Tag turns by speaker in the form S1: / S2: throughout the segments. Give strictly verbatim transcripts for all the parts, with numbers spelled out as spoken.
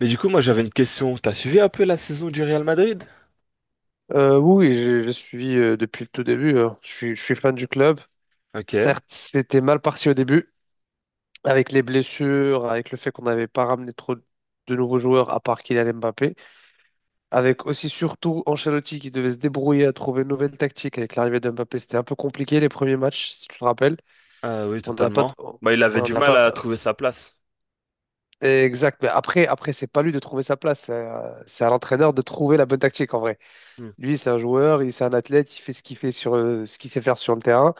S1: Mais du coup, moi j'avais une question. T'as suivi un peu la saison du Real Madrid?
S2: Euh, oui, oui, j'ai j'ai suivi euh, depuis le tout début. euh. Je suis, je suis fan du club.
S1: Ok.
S2: Certes, c'était mal parti au début, avec les blessures, avec le fait qu'on n'avait pas ramené trop de nouveaux joueurs à part Kylian Mbappé, avec aussi surtout Ancelotti qui devait se débrouiller à trouver une nouvelle tactique avec l'arrivée de Mbappé. C'était un peu compliqué les premiers matchs, si tu te rappelles.
S1: Ah oui,
S2: On n'a pas,
S1: totalement.
S2: t- ouais,
S1: Bah, il avait
S2: on
S1: du
S2: n'a
S1: mal
S2: pas.
S1: à trouver sa place.
S2: Exact. Mais après, après, c'est pas lui de trouver sa place. C'est à c'est à l'entraîneur de trouver la bonne tactique en vrai.
S1: Hmm.
S2: Lui, c'est un joueur, il c'est un athlète, il fait ce qu'il fait sur euh, ce qu'il sait faire sur le terrain.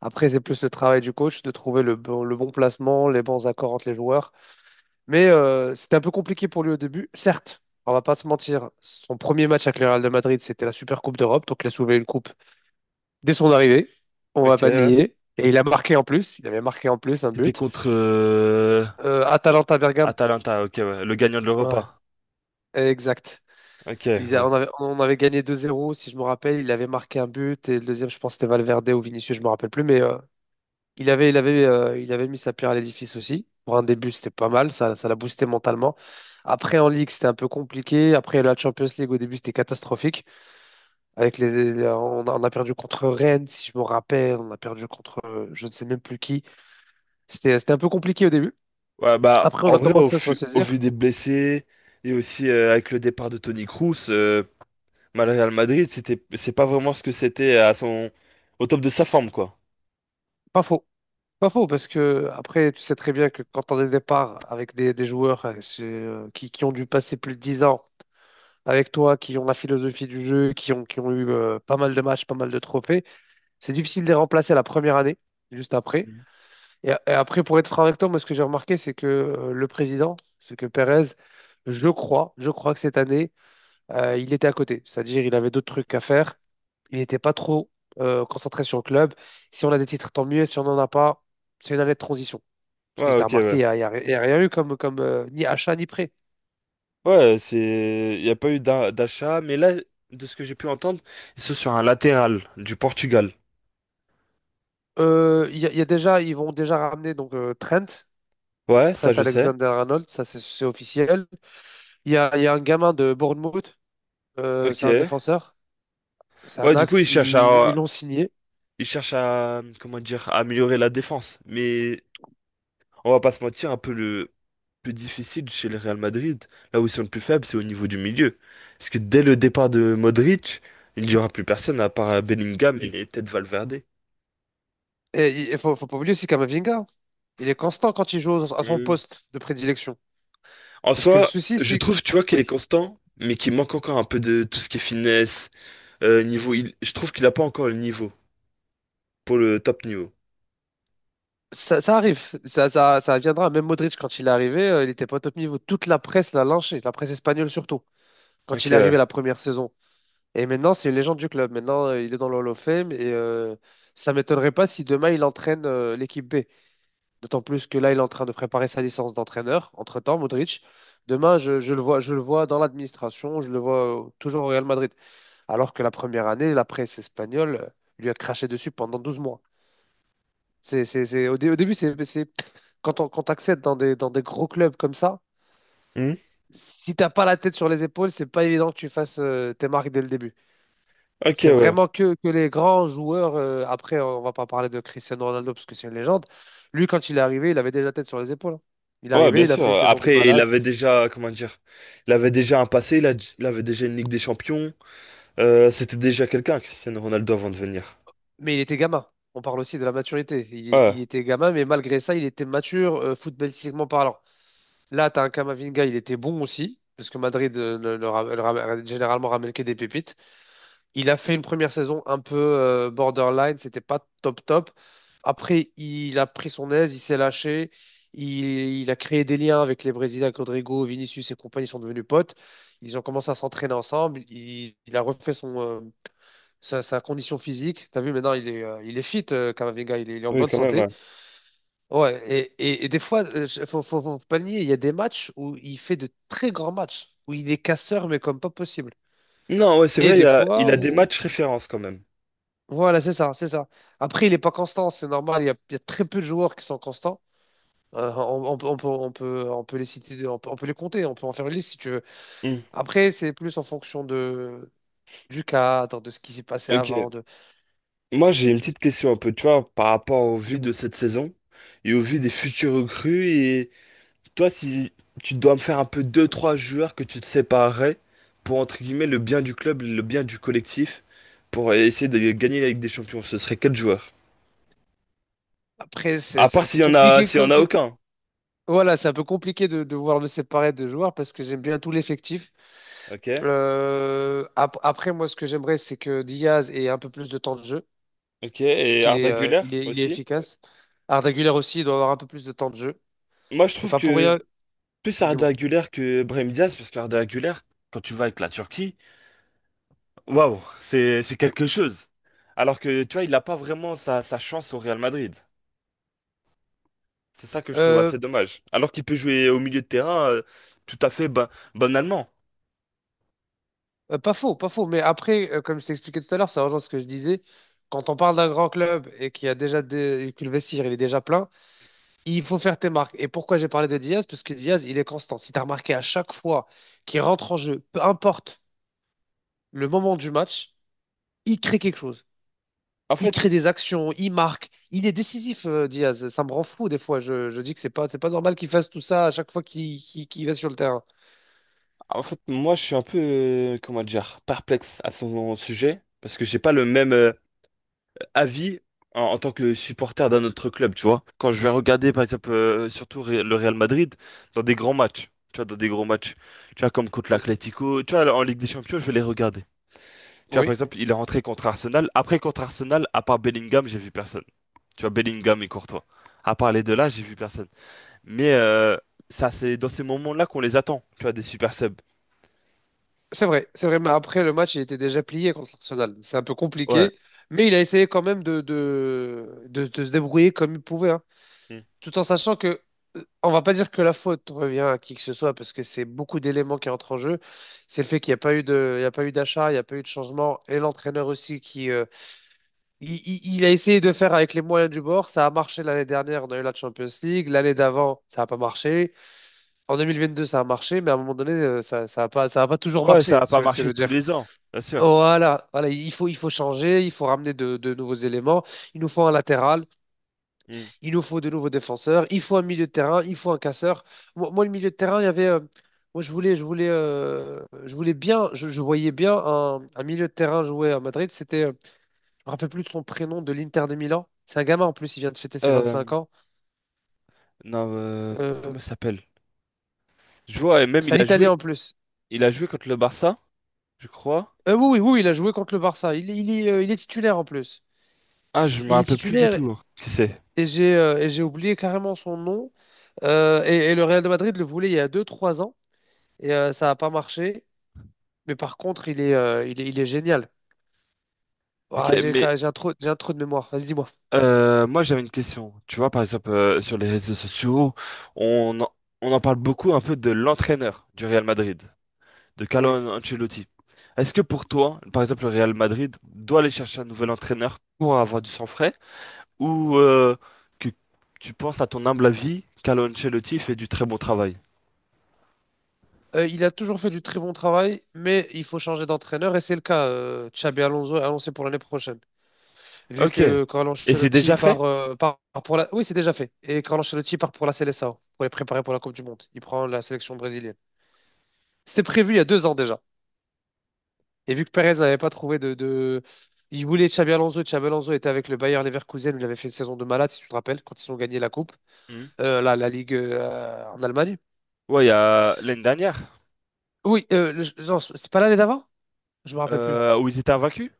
S2: Après, c'est plus le travail du coach de trouver le bon, le bon placement, les bons accords entre les joueurs. Mais euh, c'était un peu compliqué pour lui au début. Certes, on va pas se mentir, son premier match avec le Real de Madrid, c'était la Super Coupe d'Europe. Donc, il a soulevé une coupe dès son arrivée. On va
S1: Ok,
S2: pas
S1: ouais.
S2: nier. Et il a marqué en plus. Il avait marqué en plus un
S1: C'était
S2: but.
S1: contre euh,
S2: Euh, Atalanta Bergame.
S1: Atalanta, ok, ouais. Le gagnant de
S2: Ouais,
S1: l'Europa.
S2: exact.
S1: Ok,
S2: Ils a-
S1: ouais.
S2: on avait, on avait gagné deux zéro, si je me rappelle. Il avait marqué un but. Et le deuxième, je pense, c'était Valverde ou Vinicius, je me rappelle plus. Mais euh, Il avait, il avait, euh, il avait mis sa pierre à l'édifice aussi. Pour un début, c'était pas mal. Ça, ça l'a boosté mentalement. Après, en Ligue, c'était un peu compliqué. Après, la Champions League, au début, c'était catastrophique. Avec les, les- on a, on a perdu contre Rennes, si je me rappelle. On a perdu contre euh, je ne sais même plus qui. C'était, c'était un peu compliqué au début.
S1: Ouais, bah,
S2: Après, on
S1: en
S2: a
S1: vrai, au,
S2: commencé à se
S1: fu- au vu
S2: ressaisir.
S1: des blessés et aussi euh, avec le départ de Toni Kroos, euh, bah, le Real Madrid, c'était, c'est pas vraiment ce que c'était à son, au top de sa forme, quoi.
S2: Pas faux. Pas faux, parce que après, tu sais très bien que quand on a des départs avec des, des joueurs euh, c'est, euh, qui, qui ont dû passer plus de dix ans. Avec toi, qui ont la philosophie du jeu, qui ont, qui ont eu euh, pas mal de matchs, pas mal de trophées. C'est difficile de les remplacer la première année, juste après.
S1: Hmm.
S2: Et, et après, pour être franc avec toi, moi, ce que j'ai remarqué, c'est que euh, le président, c'est que Pérez, je crois, je crois que cette année, euh, il était à côté. C'est-à-dire, il avait d'autres trucs à faire. Il n'était pas trop euh, concentré sur le club. Si on a des titres, tant mieux. Si on n'en a pas, c'est une année de transition. Parce qu'il
S1: Ouais,
S2: s'est
S1: ok,
S2: remarqué,
S1: ouais.
S2: il n'y a, il y a- il y a rien eu comme, comme euh, ni achat ni prêt.
S1: Ouais, c'est, il n'y a pas eu d'a- d'achat, mais là, de ce que j'ai pu entendre, ils sont sur un latéral du Portugal.
S2: Euh, Il y, a il y a déjà, Ils vont déjà ramener donc euh, Trent.
S1: Ouais,
S2: Trent
S1: ça je sais.
S2: Alexander-Arnold, ça c'est c'est officiel. Il y a, il y a un gamin de Bournemouth, euh,
S1: Ok.
S2: c'est un défenseur, c'est un
S1: Ouais, du coup,
S2: axe,
S1: ils cherchent
S2: ils ils
S1: à,
S2: l'ont signé.
S1: ils cherchent à, comment dire, à améliorer la défense. Mais on va pas se mentir, un peu le plus difficile chez le Real Madrid, là où ils sont le plus faibles, c'est au niveau du milieu. Parce que dès le départ de Modric, il n'y aura plus personne à part Bellingham et peut-être Valverde.
S2: Et il faut, faut pas oublier aussi Camavinga, il est constant quand il joue à son
S1: Mm.
S2: poste de prédilection.
S1: En
S2: Parce que le
S1: soi,
S2: souci,
S1: je
S2: c'est.
S1: trouve, tu vois, qu'il est
S2: Oui,
S1: constant, mais qu'il manque encore un peu de tout ce qui est finesse. Euh, niveau, il- je trouve qu'il a pas encore le niveau pour le top niveau.
S2: ça, ça arrive, ça, ça, ça viendra. Même Modric, quand il est arrivé, euh, il était pas au top niveau. Toute la presse l'a lynché, la presse espagnole surtout, quand
S1: Ok,
S2: il est
S1: ouais.
S2: arrivé la première saison. Et maintenant, c'est une légende du club. Maintenant, euh, il est dans le Hall of Fame et euh, ça m'étonnerait pas si demain, il entraîne euh, l'équipe B. D'autant plus que là, il est en train de préparer sa licence d'entraîneur. Entre-temps, Modric, demain, je, je le vois, je le vois dans l'administration, je le vois euh, toujours au Real Madrid. Alors que la première année, la presse espagnole euh, lui a craché dessus pendant douze mois. C'est, c'est, c'est- au, dé- au début, c'est, c'est- quand on, quand t'accèdes dans des, dans des gros clubs comme ça,
S1: Hmm.
S2: si t'as pas la tête sur les épaules, c'est pas évident que tu fasses euh, tes marques dès le début.
S1: Ok,
S2: C'est
S1: ouais.
S2: vraiment que, que les grands joueurs. euh, après, on va pas parler de Cristiano Ronaldo parce que c'est une légende. Lui, quand il est arrivé, il avait déjà la tête sur les épaules, hein. Il est
S1: Ouais,
S2: arrivé,
S1: bien
S2: il a
S1: sûr.
S2: fait une saison de
S1: Après, il
S2: malade.
S1: avait déjà, comment dire, il avait déjà un passé, il, a- il avait déjà une Ligue des Champions. Euh, c'était déjà quelqu'un, Cristiano Ronaldo, avant de venir.
S2: Mais il était gamin. On parle aussi de la maturité. Il, il
S1: Ouais,
S2: était gamin, mais malgré ça, il était mature, euh, footballistiquement parlant. Là, tu as un Camavinga, il était bon aussi, parce que Madrid euh, ne- ne ra- ne ra- généralement ramène que des pépites. Il a fait une première saison un peu euh, borderline, c'était pas top top. Après, il a pris son aise, il s'est lâché, il, il a créé des liens avec les Brésiliens, avec Rodrigo, Vinicius et compagnie ils sont devenus potes. Ils ont commencé à s'entraîner ensemble, il, il a refait son, euh, sa, sa condition physique. T'as vu, maintenant, il est, euh, il est fit, euh, Camavinga, il est, il est en
S1: oui,
S2: bonne
S1: quand même,
S2: santé.
S1: ouais.
S2: Ouais, et et, et des fois, euh, je- faut, faut, faut pas le nier, il y a des matchs où il fait de très grands matchs, où il est casseur, mais comme pas possible.
S1: Non, ouais, c'est
S2: Et
S1: vrai, il
S2: des
S1: a,
S2: fois
S1: il a des
S2: où.
S1: matchs références quand même.
S2: Voilà, c'est ça, c'est ça. Après, il n'est pas constant, c'est normal. Il y a, il y a très peu de joueurs qui sont constants. Euh, on, on peut, on peut, on peut, on peut les citer, on peut, on peut les compter, on peut en faire une liste si tu veux.
S1: Hmm.
S2: Après, c'est plus en fonction de, du cadre, de ce qui s'est passé avant,
S1: Ok.
S2: de,
S1: Moi, j'ai une petite question un peu, tu vois, par rapport au
S2: du
S1: vu de
S2: mois.
S1: cette saison et au vu des futurs recrues. Toi, si tu dois me faire un peu deux, trois joueurs que tu te séparerais pour, entre guillemets, le bien du club, le bien du collectif, pour essayer de gagner la Ligue des Champions, ce serait quel joueur?
S2: Après, c'est
S1: À
S2: c'est un
S1: part
S2: peu
S1: s'il y en a,
S2: compliqué
S1: s'il y
S2: que,
S1: en a
S2: que-
S1: aucun.
S2: voilà, c'est un peu compliqué de, de vouloir me séparer de joueurs parce que j'aime bien tout l'effectif.
S1: Ok.
S2: Euh, ap- après, moi, ce que j'aimerais, c'est que Diaz ait un peu plus de temps de jeu
S1: Ok.
S2: parce
S1: Et
S2: qu'il est,
S1: Arda
S2: euh,
S1: Güler
S2: il est, il est
S1: aussi.
S2: efficace. Arda Güler aussi, il doit avoir un peu plus de temps de jeu.
S1: Moi, je
S2: C'est
S1: trouve
S2: pas pour
S1: que
S2: rien,
S1: plus
S2: dis-moi.
S1: Arda Güler que Brahim Diaz, parce qu'Arda Güler, quand tu vas avec la Turquie, waouh, c'est c'est quelque chose. Alors que tu vois, il n'a pas vraiment sa, sa chance au Real Madrid. C'est ça que je trouve
S2: Euh,
S1: assez dommage. Alors qu'il peut jouer au milieu de terrain euh, tout à fait ba- banalement.
S2: euh, pas faux, pas faux. Mais après, euh, comme je t'expliquais tout à l'heure, ça rejoint ce que je disais. Quand on parle d'un grand club et qu'il y a déjà des... que le vestiaire il est déjà plein, il faut faire tes marques. Et pourquoi j'ai parlé de Diaz? Parce que Diaz, il est constant. Si tu as remarqué à chaque fois qu'il rentre en jeu, peu importe le moment du match, il crée quelque chose.
S1: En
S2: Il crée
S1: fait,
S2: des actions, il marque. Il est décisif, euh, Diaz. Ça me rend fou des fois. Je, je dis que c'est pas, c'est pas normal qu'il fasse tout ça à chaque fois qu'il qu'il qu'il va sur le terrain.
S1: en fait, moi, je suis un peu, euh, comment dire, perplexe à son sujet parce que j'ai pas le même euh, avis en, en tant que supporter d'un autre club, tu vois. Quand je vais regarder, par exemple, euh, surtout Ré- le Real Madrid dans des grands matchs, tu vois, dans des gros matchs, tu vois, comme contre
S2: Oui.
S1: l'Atlético, tu vois, en Ligue des Champions, je vais les regarder. Tu vois, par
S2: Oui.
S1: exemple, il est rentré contre Arsenal. Après, contre Arsenal, à part Bellingham, j'ai vu personne. Tu vois, Bellingham et Courtois. À part les deux là, j'ai vu personne. Mais euh, ça, c'est dans ces moments-là qu'on les attend, tu vois, des super subs.
S2: C'est vrai, c'est vrai, mais après le match, il était déjà plié contre l'Arsenal. C'est un peu
S1: Ouais.
S2: compliqué, mais il a essayé quand même de, de, de, de se débrouiller comme il pouvait, hein.
S1: Mm.
S2: Tout en sachant que, euh, on va pas dire que la faute revient à qui que ce soit, parce que c'est beaucoup d'éléments qui entrent en jeu. C'est le fait qu'il n'y a pas eu de, il y a pas eu d'achat, il n'y a pas eu de changement, et l'entraîneur aussi qui, euh, il, il- il a essayé de faire avec les moyens du bord. Ça a marché l'année dernière, on a eu la Champions League. L'année d'avant, ça n'a pas marché. En deux mille vingt deux, ça a marché, mais à un moment donné, euh, ça, ça a pas, ça a pas toujours
S1: Ouais, ça
S2: marché,
S1: va
S2: si tu
S1: pas
S2: vois ce que je
S1: marcher
S2: veux
S1: tous
S2: dire.
S1: les ans, bien sûr.
S2: Voilà, voilà, il faut, il faut changer, il faut ramener de, de nouveaux éléments. Il nous faut un latéral,
S1: Mm.
S2: il nous faut de nouveaux défenseurs, il faut un milieu de terrain, il faut un casseur. Moi, moi, le milieu de terrain, il y avait, euh, moi, je voulais, je voulais, euh, je voulais bien, je, je voyais bien un, un milieu de terrain jouer à Madrid. C'était, euh, je me rappelle plus de son prénom, de l'Inter de Milan. C'est un gamin en plus, il vient de fêter ses vingt-cinq
S1: Euh,
S2: ans.
S1: non, euh,
S2: Euh,
S1: comment ça s'appelle? Je vois, et même
S2: c'est un
S1: il a joué,
S2: Italien en plus.
S1: il a joué contre le Barça, je crois.
S2: Euh, oui, oui, oui, il a joué contre le Barça. Il, est- il est, euh, il est titulaire en plus.
S1: Ah, je me
S2: Il est
S1: rappelle plus du
S2: titulaire
S1: tout, hein. Qui c'est?
S2: et j'ai euh, et j'ai oublié carrément son nom. Euh, et, et le Real de Madrid le voulait il y a deux trois ans et euh, ça n'a pas marché. Mais par contre, il est, euh, il est, il est génial.
S1: Ok,
S2: Ah, j'ai
S1: mais
S2: j'ai un trou, j'ai un trou de mémoire. Vas-y, dis-moi.
S1: euh, moi j'avais une question. Tu vois, par exemple, euh, sur les réseaux sociaux, on en, on en parle beaucoup un peu de l'entraîneur du Real Madrid, de Carlo
S2: Oui.
S1: Ancelotti. Est-ce que pour toi, par exemple, le Real Madrid doit aller chercher un nouvel entraîneur pour avoir du sang frais ou euh, que tu penses à ton humble avis, Carlo Ancelotti fait du très bon travail?
S2: Euh, il a toujours fait du très bon travail, mais il faut changer d'entraîneur et c'est le cas. euh, Xabi Alonso est annoncé pour l'année prochaine. Vu
S1: Ok.
S2: que Carlo
S1: Et c'est
S2: Ancelotti
S1: déjà
S2: part,
S1: fait?
S2: euh, part pour la. Oui, c'est déjà fait. Et Carlo Ancelotti part pour la Seleção, pour les préparer pour la Coupe du Monde. Il prend la sélection brésilienne. C'était prévu il y a deux ans déjà. Et vu que Perez n'avait pas trouvé de, de- Il voulait Xabi Alonso. Xabi Alonso était avec le Bayer Leverkusen où il avait fait une saison de malade, si tu te rappelles, quand ils ont gagné la Coupe,
S1: Mhm.
S2: euh, la, la Ligue euh, en Allemagne.
S1: Ouais, il y a l'année dernière
S2: Oui, euh, le- non, c'est pas l'année d'avant? Je me rappelle plus.
S1: euh, où ils étaient invaincus.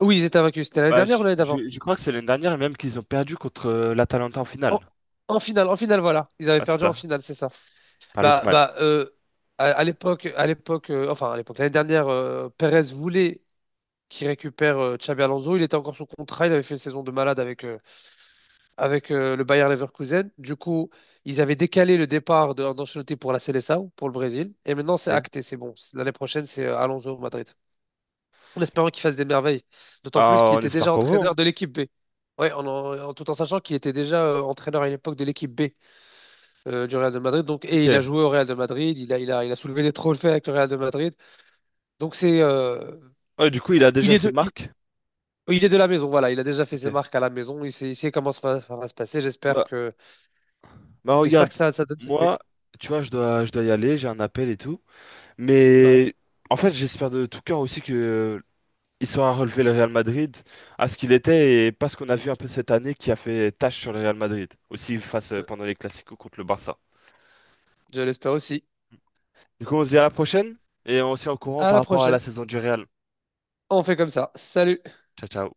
S2: Oui, ils étaient vaincus. C'était l'année
S1: Bah,
S2: dernière ou
S1: je,
S2: l'année d'avant?
S1: je- je crois que c'est l'année dernière même qu'ils ont perdu contre euh, l'Atalanta en
S2: En,
S1: finale.
S2: en finale, en finale, voilà. Ils avaient
S1: Ah, c'est
S2: perdu en
S1: ça,
S2: finale, c'est ça.
S1: par
S2: Bah,
S1: Lookman.
S2: bah, euh, à, à l'époque, à l'époque, euh, enfin, à l'époque, l'année dernière, euh, Perez voulait qu'il récupère euh, Xabi Alonso. Il était encore sous contrat. Il avait fait une saison de malade avec, euh, avec euh, le Bayer Leverkusen. Du coup, ils avaient décalé le départ de Ancelotti pour la Seleção, pour le Brésil. Et maintenant, c'est
S1: Ok.
S2: acté, c'est bon. C'est- L'année prochaine, c'est euh, Alonso au Madrid. En espérant qu'il fasse des merveilles. D'autant plus
S1: Bah,
S2: qu'il
S1: on
S2: était
S1: espère
S2: déjà
S1: pour vous, hein.
S2: entraîneur de l'équipe B. Ouais, en, en- tout en sachant qu'il était déjà euh, entraîneur à une époque de l'équipe B euh, du Real de Madrid. Donc, et il a
S1: Ok.
S2: joué au Real de Madrid, il a, il a, il a soulevé des trophées avec le Real de Madrid. Donc c'est, euh,
S1: Ouais, du coup, il a
S2: il
S1: déjà
S2: est
S1: ses
S2: de, il,
S1: marques.
S2: il est de la maison. Voilà, il a déjà fait ses
S1: Ok.
S2: marques à la maison. Il sait, il sait comment ça va, ça va se passer. J'espère
S1: Bah.
S2: que,
S1: Bah
S2: j'espère
S1: regarde,
S2: que ça, ça donne ses fruits.
S1: moi, tu vois, je dois, je dois y aller, j'ai un appel et tout.
S2: Ouais.
S1: Mais en fait, j'espère de tout cœur aussi que euh, il saura relever le Real Madrid à ce qu'il était et pas ce qu'on a vu un peu cette année qui a fait tache sur le Real Madrid. Aussi face euh, pendant les Clasico contre le Barça.
S2: Je l'espère aussi.
S1: Du coup, on se dit à la prochaine et on se tient au courant
S2: À
S1: par
S2: la
S1: rapport à la
S2: prochaine.
S1: saison du Real.
S2: On fait comme ça. Salut.
S1: Ciao, ciao.